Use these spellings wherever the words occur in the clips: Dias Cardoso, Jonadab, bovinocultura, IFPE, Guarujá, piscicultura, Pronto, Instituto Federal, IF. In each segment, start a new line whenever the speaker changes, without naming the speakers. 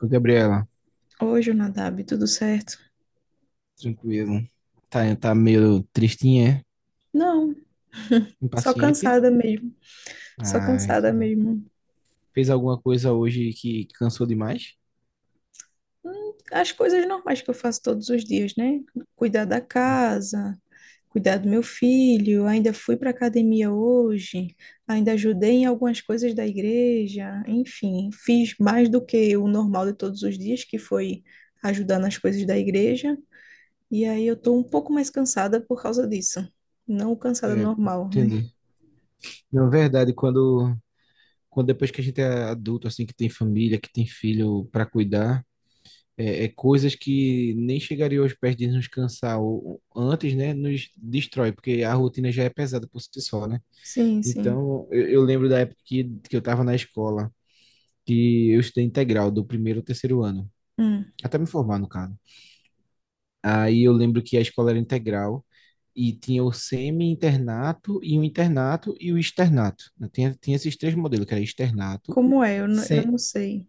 Ô, Gabriela,
Hoje Jonadab, tudo certo?
tranquilo. Tá, tá meio tristinha,
Não,
é?
só
Impaciente?
cansada mesmo. Só
Ah,
cansada
entendi.
mesmo.
Fez alguma coisa hoje que cansou demais?
As coisas normais que eu faço todos os dias, né? Cuidar da casa, cuidar do meu filho. Ainda fui para academia hoje, ainda ajudei em algumas coisas da igreja. Enfim, fiz mais do que o normal de todos os dias, que foi ajudar nas coisas da igreja. E aí eu tô um pouco mais cansada por causa disso. Não cansada
É,
normal, né?
entendi. Na verdade, quando depois que a gente é adulto, assim, que tem família, que tem filho para cuidar, é coisas que nem chegariam aos pés de nos cansar ou antes, né, nos destrói, porque a rotina já é pesada por si só, né?
Sim, sim.
Então, eu lembro da que eu estava na escola, que eu estudei integral, do primeiro ao terceiro ano. Até me formar, no caso. Aí eu lembro que a escola era integral e tinha o semi-internato e o internato e o externato, né? Tinha esses três modelos, que era externato.
Como é? Eu não, eu
se-
não sei.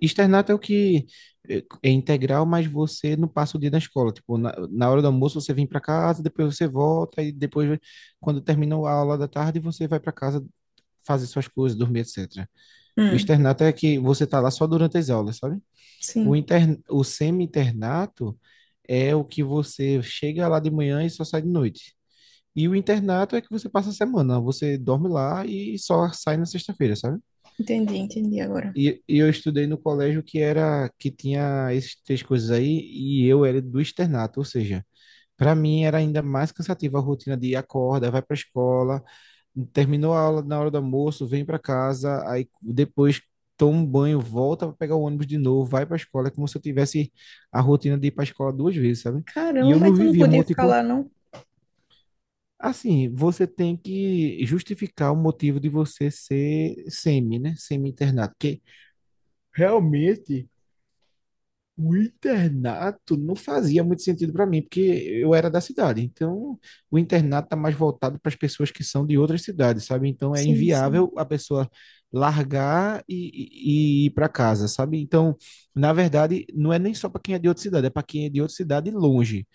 Externato é o que é integral, mas você não passa o dia na escola. Tipo, na hora do almoço você vem para casa, depois você volta e depois, quando terminou a aula da tarde, você vai para casa fazer suas coisas, dormir, etc. O
Hum,
externato é que você tá lá só durante as aulas, sabe? O,
sim,
inter... o semi-internato é o que você chega lá de manhã e só sai de noite. E o internato é que você passa a semana, você dorme lá e só sai na sexta-feira, sabe?
entendi, entendi agora.
E eu estudei no colégio que tinha esses três coisas aí e eu era do externato, ou seja, para mim era ainda mais cansativa a rotina de acorda, vai para a escola, terminou a aula na hora do almoço, vem para casa, aí depois toma um banho, volta para pegar o ônibus de novo, vai para a escola, é como se eu tivesse a rotina de ir para a escola duas vezes, sabe? E
Caramba,
eu
mas
não
tu não
vivia
podia ficar lá, não?
Assim, você tem que justificar o motivo de você ser semi, né? Semi-internado, porque realmente, o internato não fazia muito sentido para mim, porque eu era da cidade. Então, o internato está mais voltado para as pessoas que são de outras cidades, sabe? Então, é
Sim, sim.
inviável a pessoa largar e ir para casa, sabe? Então, na verdade, não é nem só para quem é de outra cidade, é para quem é de outra cidade longe,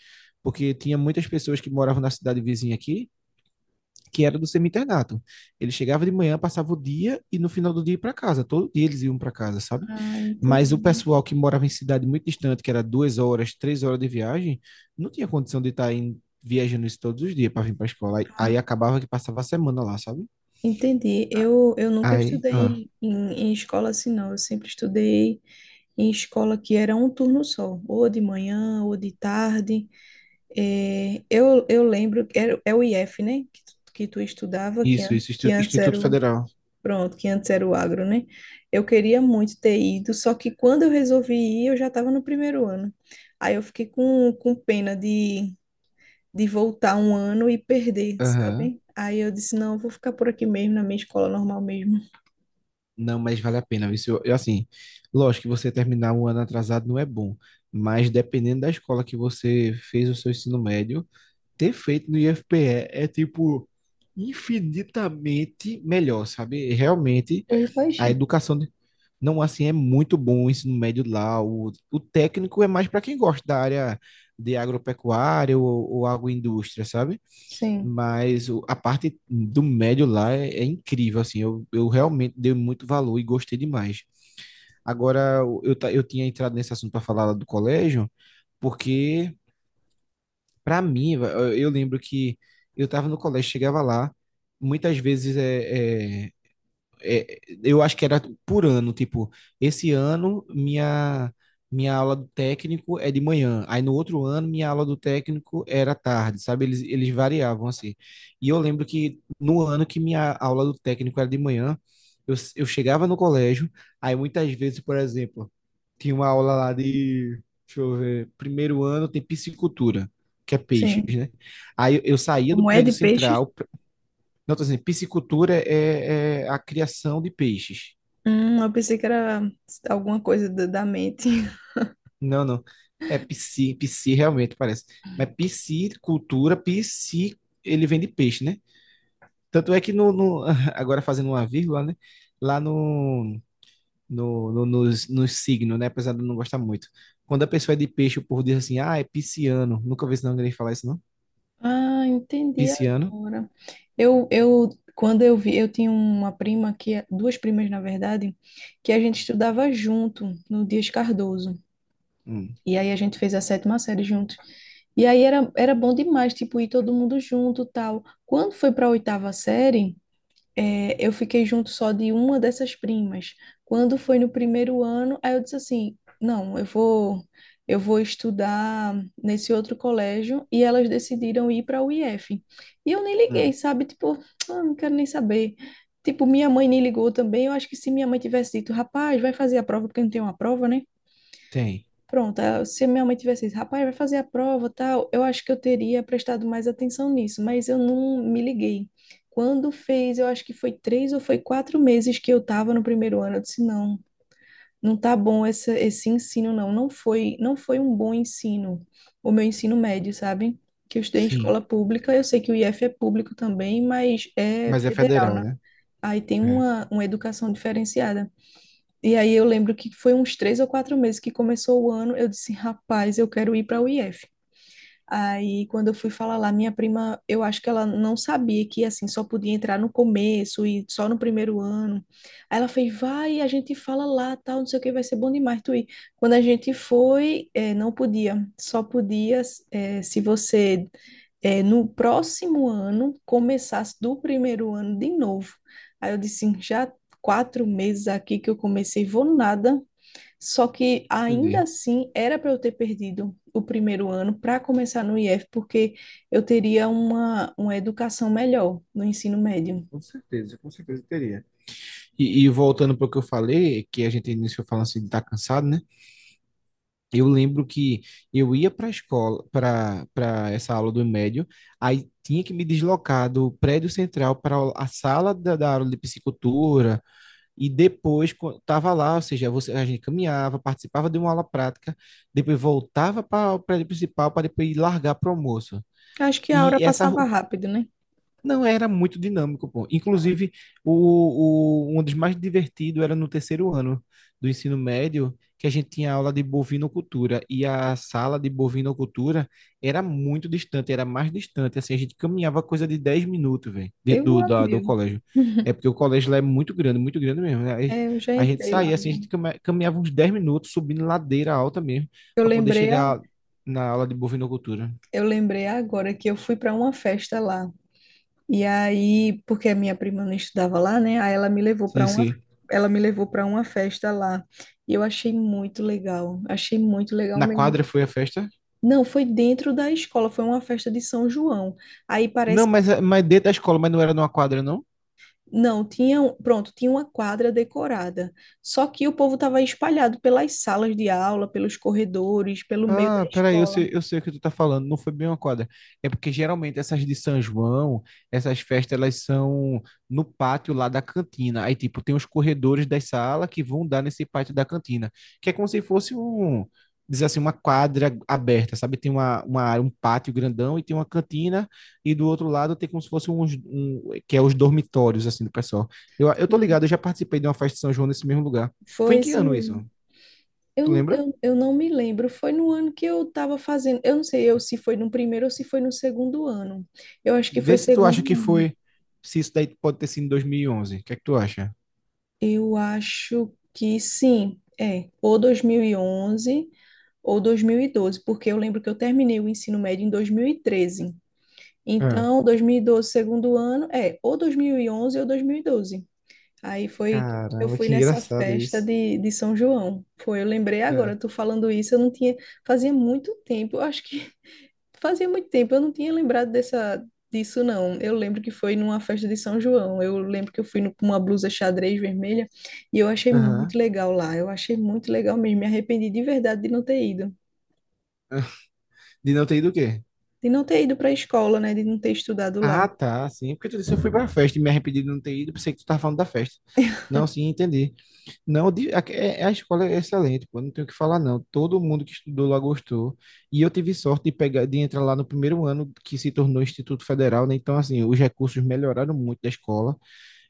porque tinha muitas pessoas que moravam na cidade vizinha aqui, que era do semi-internato. Ele chegava de manhã, passava o dia e no final do dia ia para casa. Todo dia eles iam para casa, sabe?
Ah,
Mas o
entendi.
pessoal que morava em cidade muito distante, que era 2 horas, 3 horas de viagem, não tinha condição de estar em viajando isso todos os dias para vir para a escola. Aí,
Ah,
aí acabava que passava a semana lá, sabe?
entendi. Eu nunca
Aí,
estudei
ah,
em escola assim, não. Eu sempre estudei em escola que era um turno só, ou de manhã, ou de tarde. É, eu lembro que era, é o IF, né? Que tu estudava, que, an
isso,
que antes era
Instituto
o.
Federal.
Pronto, que antes era o agro, né? Eu queria muito ter ido, só que quando eu resolvi ir, eu já estava no primeiro ano. Aí eu fiquei com pena de voltar um ano e perder,
Aham.
sabe? Aí eu disse, não, eu vou ficar por aqui mesmo, na minha escola normal mesmo.
Não, mas vale a pena. Isso, assim, lógico que você terminar um ano atrasado não é bom, mas dependendo da escola que você fez o seu ensino médio, ter feito no IFPE é, tipo, infinitamente melhor, sabe? Realmente
Eu
a
imagino.
não assim, é muito bom o ensino médio lá. O técnico é mais para quem gosta da área de agropecuária ou agroindústria, sabe?
Sim,
Mas a parte do médio lá é incrível, assim. Eu realmente dei muito valor e gostei demais. Agora, eu tinha entrado nesse assunto para falar lá do colégio, porque para mim, eu lembro que eu estava no colégio, chegava lá, muitas vezes eu acho que era por ano, tipo, esse ano minha aula do técnico é de manhã, aí no outro ano minha aula do técnico era à tarde, sabe? Eles variavam assim. E eu lembro que no ano que minha aula do técnico era de manhã, eu chegava no colégio, aí muitas vezes, por exemplo, tinha uma aula lá de, deixa eu ver, primeiro ano tem piscicultura, que é peixes,
sim.
né? Eu saía do
Como é
prédio
de peixe?
central. Não, tô dizendo, piscicultura é a criação de peixes.
Eu pensei que era alguma coisa da mente.
Não, não. É pisci realmente parece. Mas pisci, ele vem de peixe, né? Tanto é que agora fazendo uma vírgula, né? Lá no, no, no, nos, nos signos, né? Apesar de eu não gostar muito. Quando a pessoa é de peixe, o povo diz assim, ah, é pisciano. Nunca vi esse nome ninguém falar isso, não?
Ah, entendi
Pisciano?
agora. Eu, quando eu vi, eu tinha uma prima que, duas primas, na verdade, que a gente estudava junto no Dias Cardoso.
Hum.
E aí a gente fez a sétima série juntos. E aí era bom demais, tipo, ir todo mundo junto, tal. Quando foi para a oitava série, é, eu fiquei junto só de uma dessas primas. Quando foi no primeiro ano, aí eu disse assim, não, eu vou estudar nesse outro colégio e elas decidiram ir para o IF. E eu nem liguei,
Hum,
sabe? Tipo, ah, não quero nem saber. Tipo, minha mãe nem ligou também. Eu acho que se minha mãe tivesse dito, rapaz, vai fazer a prova porque não tem uma prova, né?
tem.
Pronto, ah, se minha mãe tivesse dito, rapaz, vai fazer a prova, tal, eu acho que eu teria prestado mais atenção nisso, mas eu não me liguei. Quando fez, eu acho que foi 3 ou foi 4 meses que eu estava no primeiro ano, eu disse, não, não tá bom essa, esse ensino, não, não foi um bom ensino, o meu ensino médio, sabe? Que eu estudei em escola
Sim.
pública, eu sei que o IF é público também, mas é
Mas é
federal,
federal,
né?
né?
Aí tem
É,
uma educação diferenciada. E aí eu lembro que foi uns 3 ou 4 meses que começou o ano, eu disse, rapaz, eu quero ir para o IF. Aí quando eu fui falar lá, minha prima, eu acho que ela não sabia que assim só podia entrar no começo e só no primeiro ano. Aí ela fez, vai, a gente fala lá, tal, não sei o que, vai ser bom demais tu ir. Quando a gente foi, não podia, só podia se você no próximo ano começasse do primeiro ano de novo. Aí eu disse, já 4 meses aqui que eu comecei, vou nada. Só que ainda
entendi.
assim era para eu ter perdido o primeiro ano para começar no IF, porque eu teria uma educação melhor no ensino médio.
Com certeza, teria. E voltando para o que eu falei, que a gente iniciou falando assim de estar cansado, né? Eu lembro que eu ia para a escola, para essa aula do médio, aí tinha que me deslocar do prédio central para a sala da aula de psicultura, e depois estava lá, ou seja, você, a gente caminhava, participava de uma aula prática, depois voltava para o prédio principal para depois ir largar para o almoço.
Acho que a hora
E
passava rápido, né?
não era muito dinâmico, pô. Inclusive, um dos mais divertidos era no terceiro ano do ensino médio, que a gente tinha aula de bovinocultura. E a sala de bovinocultura era muito distante, era mais distante. Assim, a gente caminhava coisa de 10 minutos, velho, dentro
Deu um ano
do
meu.
colégio. É porque o colégio lá é muito grande mesmo, né? Aí
É, eu já
a gente
entrei lá,
saía, assim,
já.
a gente caminhava uns 10 minutos subindo ladeira alta mesmo,
Eu
para poder
lembrei, a-
chegar na aula de bovinocultura.
eu lembrei agora que eu fui para uma festa lá. E aí, porque a minha prima não estudava lá, né? Aí
Sim, sim.
ela me levou para uma festa lá. E eu achei muito legal
Na
mesmo.
quadra foi a festa?
Não, foi dentro da escola, foi uma festa de São João. Aí parece
Não,
que
mas, mas dentro da escola, mas não era numa quadra, não?
não, tinha, pronto, tinha uma quadra decorada. Só que o povo estava espalhado pelas salas de aula, pelos corredores, pelo meio da
Ah, peraí,
escola.
eu sei o que tu tá falando, não foi bem uma quadra. É porque geralmente essas festas, elas são no pátio lá da cantina. Aí, tipo, tem os corredores da sala que vão dar nesse pátio da cantina, que é como se fosse dizer assim, uma quadra aberta, sabe? Tem uma área, um pátio grandão e tem uma cantina, e do outro lado tem como se fosse que é os dormitórios, assim, do pessoal. Eu tô ligado,
Sim.
eu já participei de uma festa de São João nesse mesmo lugar. Foi
Foi
em que
isso
ano isso?
mesmo.
Tu
Eu,
lembra?
eu, eu não me lembro, foi no ano que eu estava fazendo, eu não sei eu se foi no primeiro ou se foi no segundo ano. Eu acho que foi
Vê se tu acha
segundo
que
ano.
foi, se isso daí pode ter sido em 2011. O que é que tu acha?
Eu acho que sim, é, ou 2011 ou 2012, porque eu lembro que eu terminei o ensino médio em 2013.
Ah,
Então, 2012, segundo ano, é, ou 2011 ou 2012. Aí foi, que eu
caramba,
fui
que
nessa
engraçado
festa
isso.
de São João. Foi, eu lembrei
É.
agora, tu falando isso, eu não tinha, fazia muito tempo, eu acho que fazia muito tempo, eu não tinha lembrado dessa, disso, não. Eu lembro que foi numa festa de São João. Eu lembro que eu fui com uma blusa xadrez vermelha e eu achei
Aham.
muito legal lá. Eu achei muito legal mesmo. Me arrependi de verdade de não ter ido.
De não ter ido o quê?
De não ter ido para a escola, né? De não ter estudado lá.
Ah, tá, sim. Porque tu disse que eu fui pra festa e me arrependi de não ter ido, pensei que tu tava falando da festa. Não, sim, entendi. Não, a escola é excelente, pô, não tenho o que falar, não. Todo mundo que estudou lá gostou. E eu tive sorte de pegar, de entrar lá no primeiro ano que se tornou Instituto Federal, né? Então, assim, os recursos melhoraram muito da escola.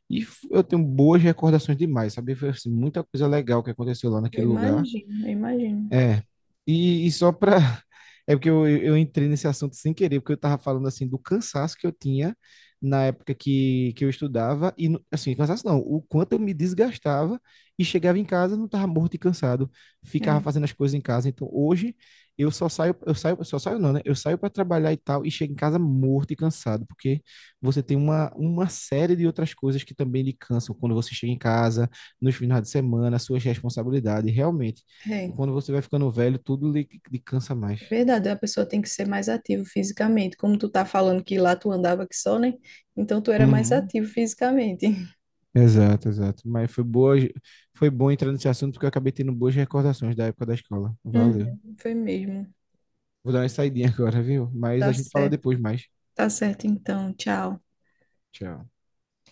E eu tenho boas recordações demais, sabe? Foi assim, muita coisa legal que aconteceu lá
Eu
naquele lugar.
imagino, eu imagino.
É, e só para. É porque eu entrei nesse assunto sem querer, porque eu estava falando assim do cansaço que eu tinha na época que eu estudava, e assim, cansaço não, o quanto eu me desgastava e chegava em casa, não estava morto e cansado, ficava
É,
fazendo as coisas em casa. Então hoje eu saio, só saio não, né? Eu saio para trabalhar e tal, e chego em casa morto e cansado, porque você tem uma série de outras coisas que também lhe cansam quando você chega em casa, nos finais de semana, suas responsabilidades, realmente. E
é.
quando você vai ficando velho, tudo lhe cansa mais.
É verdade, a pessoa tem que ser mais ativa fisicamente. Como tu tá falando que lá tu andava que só, né? Então tu era mais
Uhum.
ativo fisicamente.
Exato, exato. Mas foi boa, foi bom entrar nesse assunto porque eu acabei tendo boas recordações da época da escola. Valeu.
Uhum, foi mesmo.
Vou dar uma saidinha agora, viu? Mas a
Tá
gente fala
certo.
depois mais.
Tá certo então. Tchau.
Tchau.